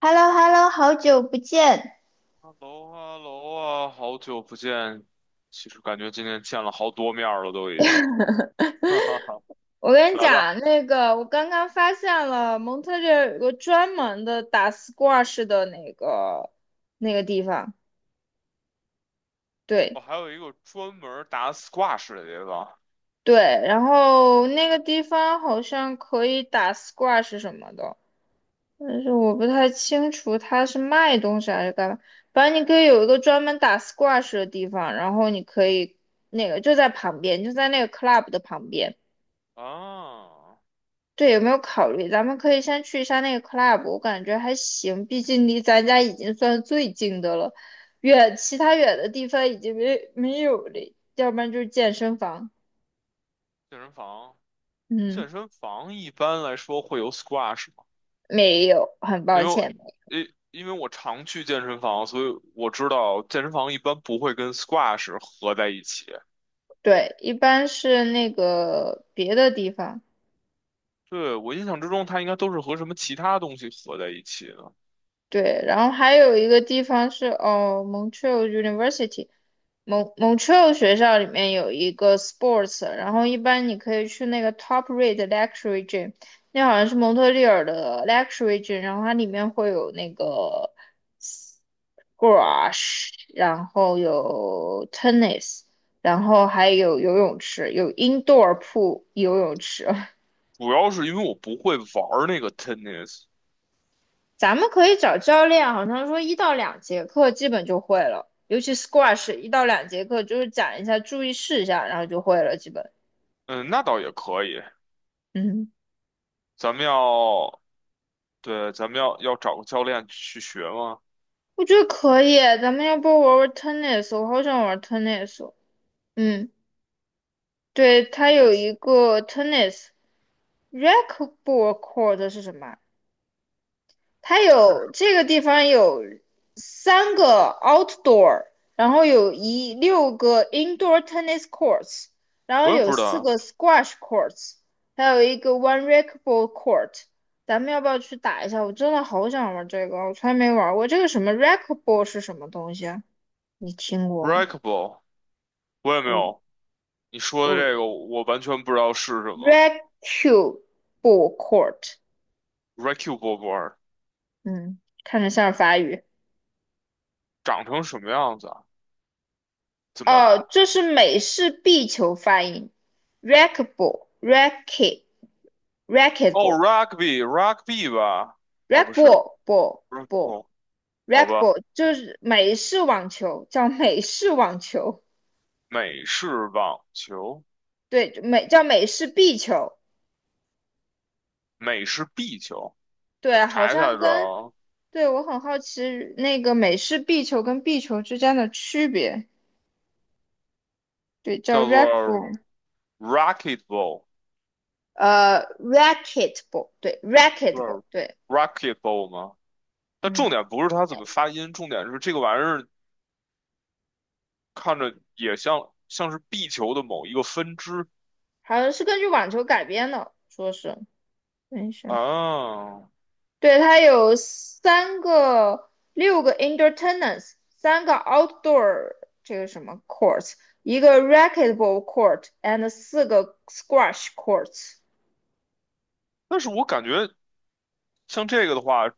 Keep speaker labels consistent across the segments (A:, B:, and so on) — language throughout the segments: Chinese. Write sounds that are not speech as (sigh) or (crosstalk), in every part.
A: h e l l o h e l l o 好久不见。
B: 哈喽哈喽啊，好久不见。其实感觉今天见了好多面儿了，都已经。(laughs) 哈哈哈，
A: 我跟你
B: 来吧，
A: 讲，那个我刚刚发现了蒙特利尔有个专门的打 squash 的那个地方，
B: 我、
A: 对
B: 还有一个专门儿打 squash 的地方
A: 对，然后那个地方好像可以打 squash 什么的，但是我不太清楚它是卖东西还是干嘛。反正你可以有一个专门打 squash 的地方，然后你可以那个就在旁边，就在那个 club 的旁边。
B: 啊，
A: 对，有没有考虑？咱们可以先去一下那个 club，我感觉还行，毕竟离咱家已经算最近的了，远其他远的地方已经没有了，要不然就是健身房。
B: 健身房。
A: 嗯，
B: 健身房一般来说会有 squash 吗？
A: 没有，很
B: 因
A: 抱
B: 为我，
A: 歉，没有
B: 因为我常去健身房，所以我知道健身房一般不会跟 squash 合在一起。
A: 对，一般是那个别的地方。
B: 对，我印象之中，它应该都是和什么其他东西合在一起的。
A: 对，然后还有一个地方是哦，Montreal University，蒙特利尔学校里面有一个 sports，然后一般你可以去那个 top rate luxury gym，那好像是蒙特利尔的 luxury gym，然后它里面会有那个 GQRASH 然后有 tennis，然后还有游泳池，有 indoor pool 游泳池，(laughs)
B: 主要是因为我不会玩儿那个 tennis。
A: 咱们可以找教练，好像说一到两节课基本就会了，尤其 squash 一到两节课就是讲一下注意事项，然后就会了，基本。
B: 嗯，那倒也可以。
A: 嗯，
B: 咱们要，对，咱们要找个教练去学吗？
A: 我觉得可以，咱们要不玩玩 tennis？我好想玩 tennis 哦嗯，对，它有一
B: 嗯，
A: 个 tennis racquetball court 是什么啊？它有这个地方有三个 outdoor，然后有16个 indoor tennis courts，然后
B: 我也
A: 有
B: 不知
A: 四
B: 道
A: 个 squash courts，还有一个 one racquetball court。咱们要不要去打一下？我真的好想玩这个，我从来没玩过。这个什么 racquetball 是什么东西啊？你听过吗
B: ，breakable，我也没
A: 我
B: 有。你说的
A: 我
B: 这个，我完全不知道是什么。
A: ？racquetball court，
B: r e c k a b l e board
A: 嗯，看着像是法语。
B: 长成什么样子啊？怎么？
A: 哦，这是美式壁球发音，racquetball racket
B: 哦
A: racquetball
B: ，rugby，rugby 吧？哦，不是 b
A: racquetball ball
B: r e a k a b
A: ball
B: l 好吧，
A: racquetball 就是美式网球，叫美式网球，
B: 美式网球，
A: 对，叫美式壁球，
B: 美式壁球，
A: 对，好
B: 查一下
A: 像
B: 知
A: 跟
B: 道，
A: 对我很好奇那个美式壁球跟壁球之间的区别，对，叫
B: 叫做
A: racquetball，
B: r a c k e t b a l l
A: racquetball 对
B: 是
A: ，racquetball 对，
B: r a c k e t b a l l 吗？但重
A: 嗯，
B: 点不是它怎么
A: 哎
B: 发音，重点是这个玩意儿看着也像是壁球的某一个分支
A: 好像是根据网球改编的，说是。等一下。
B: 啊。
A: 对，它有三个、六个 entertainments 三个 outdoor 这个什么 court，s 一个 racquetball court and 四个 squash courts。
B: 但是我感觉像这个的话，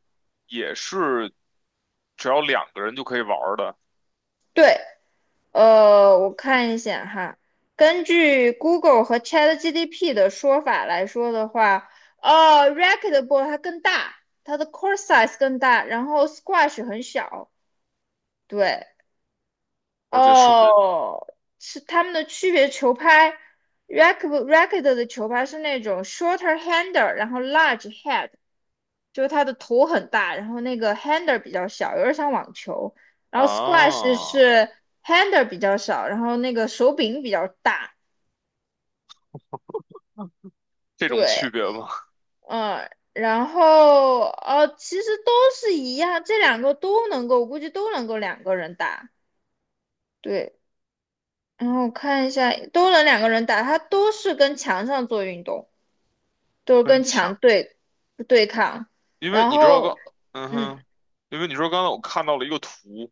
B: 也是只要两个人就可以玩儿的，
A: 对，我看一下哈，根据 Google 和 ChatGPT 的说法来说的话，racquetball 它更大，它的 court size 更大，然后 squash 很小。对，
B: 而且顺便
A: 哦，是他们的区别球拍，racket 的球拍是那种 shorter hander，然后 large head，就是它的头很大，然后那个 hander 比较小，有点像网球。然后 squash
B: 啊，
A: 是 hander 比较小，然后那个手柄比较大。
B: 这种
A: 对，
B: 区别吗？
A: 嗯，然后其实都是一样，这两个都能够，我估计都能够两个人打。对，然后我看一下，都能两个人打，它都是跟墙上做运动。
B: (laughs)
A: 就是
B: 跟
A: 跟墙
B: 抢，
A: 对抗，
B: 因为
A: 然
B: 你知道我
A: 后
B: 刚，嗯
A: 嗯
B: 哼，因为你说刚才我看到了一个图，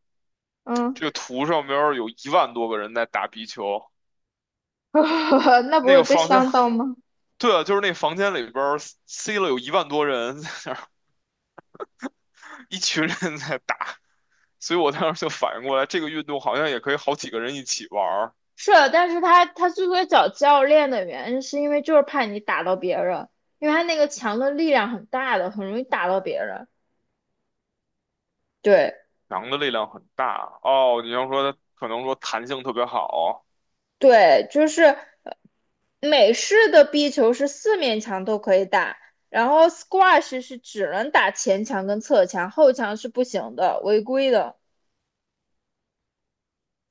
A: 嗯，
B: 这个图上边儿有一万多个人在打壁球。
A: (laughs) 那不
B: 那
A: 会
B: 个
A: 被
B: 房间，
A: 伤
B: (laughs)
A: 到吗？
B: 对啊，就是那房间里边儿塞了有一万多人，在那一群人在打，所以我当时就反应过来，这个运动好像也可以好几个人一起玩儿，
A: 是，但是他之所以找教练的原因，是因为就是怕你打到别人，因为他那个墙的力量很大的，很容易打到别人。对
B: 羊的力量很大哦。你要说它可能说弹性特别好，
A: 对，就是美式的壁球是四面墙都可以打，然后 squash 是只能打前墙跟侧墙，后墙是不行的，违规的。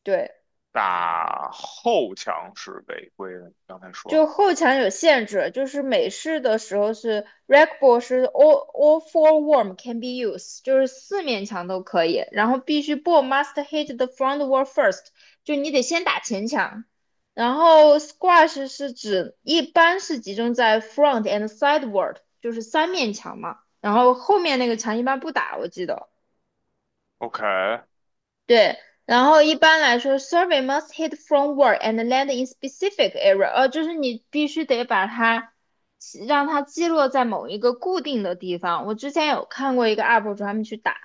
A: 对。
B: 打后墙是违规的，你刚才
A: 就
B: 说
A: 后墙有限制，就是美式的时候是 rec ball 是 all four warm can be used，就是四面墙都可以，然后必须 ball must hit the front wall first，就你得先打前墙。然后 squash 是指一般是集中在 front and sideward，就是三面墙嘛，然后后面那个墙一般不打，我记得。
B: OK，
A: 对，然后一般来说，survey must hit from word and land in specific area，就是你必须得把它让它击落在某一个固定的地方。我之前有看过一个 UP 主他们去打，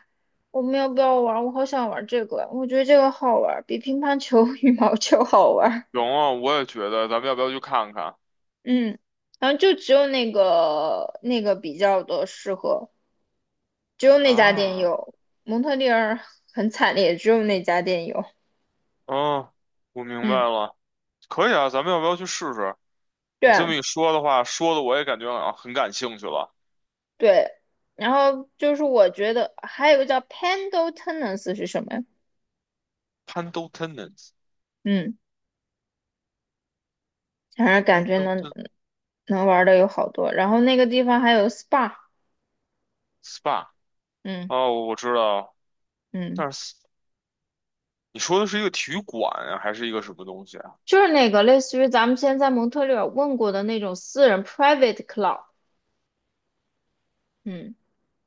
A: 我们要不要玩？我好想玩这个，我觉得这个好玩，比乒乓球、(laughs) 羽毛球好玩。
B: 行啊，我也觉得，咱们要不要去看看
A: 嗯，然后就只有那个比较的适合，只有那家店
B: 啊？
A: 有，蒙特利尔很惨烈，只有那家店有。
B: 嗯，我明白
A: 嗯，
B: 了，可以啊，咱们要不要去试试？你这么
A: 对。
B: 一说的话，说的我也感觉啊很感兴趣了。
A: 对，然后就是我觉得还有个叫 Pando Tennis 是什么呀？
B: Pando Tennis，Pando
A: 嗯，反正感觉能
B: Tennis
A: 能玩的有好多。然后那个地方还有 SPA，
B: Spa，
A: 嗯
B: 哦，我知道。
A: 嗯，
B: 但是你说的是一个体育馆啊还是一个什么东西啊？
A: 就是那个类似于咱们现在蒙特利尔问过的那种私人 private club，嗯，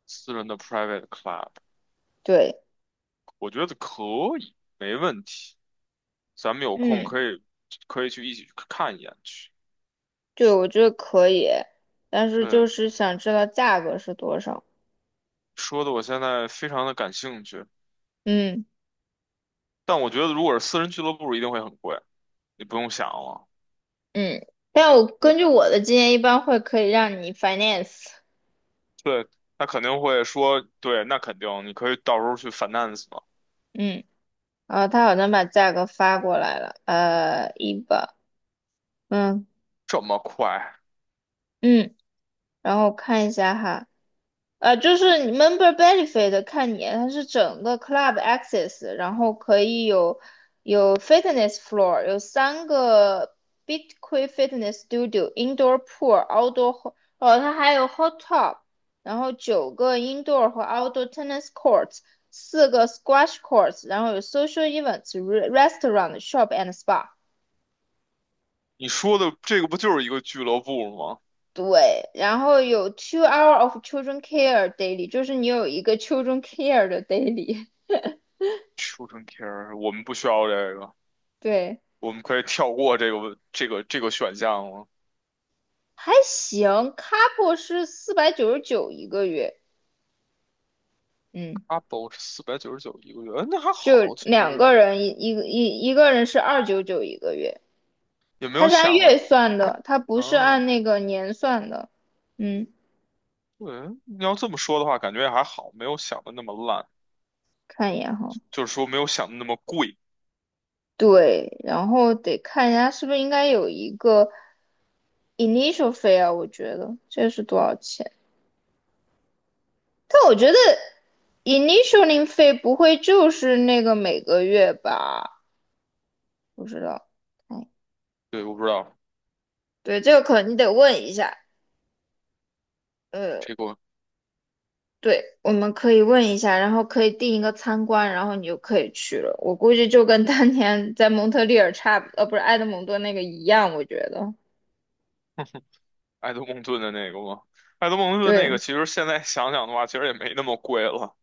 B: 私人的 private club，
A: 对，
B: 我觉得可以，没问题。咱们有空
A: 嗯，
B: 可以去一起去看一眼去。
A: 对，我觉得可以，但是就
B: 对，
A: 是想知道价格是多少，
B: 说的我现在非常的感兴趣，
A: 嗯
B: 但我觉得如果是私人俱乐部一定会很贵，你不用想了。
A: 嗯，但我
B: 对，
A: 根据我的经验，一般会可以让你 finance，
B: 对，他肯定会说，对，那肯定，你可以到时候去 finance 嘛。
A: 嗯。啊，他好像把价格发过来了，一吧，嗯
B: 这么快？
A: 嗯，然后看一下哈，就是 member benefit 看你，它是整个 club access，然后可以有 fitness floor，有三个 BITQUIN fitness studio、indoor pool、outdoor，哦，它还有 hot tub，然后九个 indoor 和 outdoor tennis courts，四个 squash courts，然后有 social events、restaurant、shop and spa。
B: 你说的这个不就是一个俱乐部吗
A: 对，然后有 two hour of children care daily，就是你有一个 children care 的 daily，
B: ？Children Care，我们不需要这个。
A: (laughs) 对，
B: 我们可以跳过这个选项了。
A: 还行。couple 是499一个月，嗯，
B: Couple 是499一个月，嗯那还
A: 就
B: 好，其
A: 两个
B: 实
A: 人一个人是299一个月，
B: 也没
A: 它
B: 有
A: 是按
B: 想的，
A: 月算的，它不是按
B: 嗯，
A: 那个年算的。嗯，
B: 对，你要这么说的话，感觉也还好，没有想的那么烂，
A: 看一眼哈，
B: 就是说没有想的那么贵。
A: 对，然后得看一下是不是应该有一个 initial fee 啊，我觉得这是多少钱。但我觉得 initialing 费不会就是那个每个月吧？不知道，哎，
B: 对，我不知道
A: 对，这个可能你得问一下。呃，
B: 这个
A: 对，我们可以问一下，然后可以定一个参观，然后你就可以去了。我估计就跟当年在蒙特利尔差不，呃，不是埃德蒙顿那个一样，我觉得。
B: 爱德蒙顿的那个吗？爱德蒙顿那个
A: 对，
B: 其实现在想想的话，其实也没那么贵了。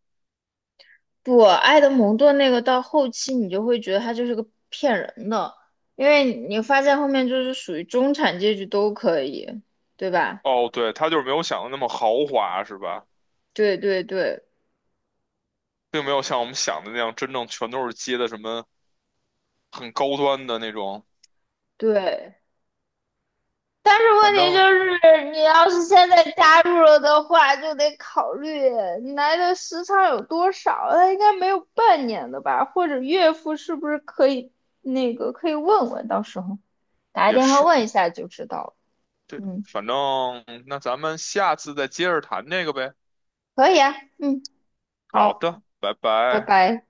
A: 不，埃德蒙顿那个到后期你就会觉得他就是个骗人的，因为你发现后面就是属于中产阶级都可以，对吧？
B: 哦，对，他就是没有想的那么豪华，是吧？
A: 对对对，
B: 并没有像我们想的那样，真正全都是接的什么很高端的那种，
A: 对，但是
B: 反
A: 问题
B: 正
A: 就是，你要是现在加入了的话，就得考虑你来的时长有多少。他应该没有半年的吧？或者岳父是不是可以那个可以问问，到时候打个
B: 也
A: 电话
B: 是。
A: 问一下就知道了。
B: 对的
A: 嗯，
B: 反正那咱们下次再接着谈那个呗。
A: 可以啊。嗯，
B: 好
A: 好，
B: 的，拜
A: 拜
B: 拜。
A: 拜。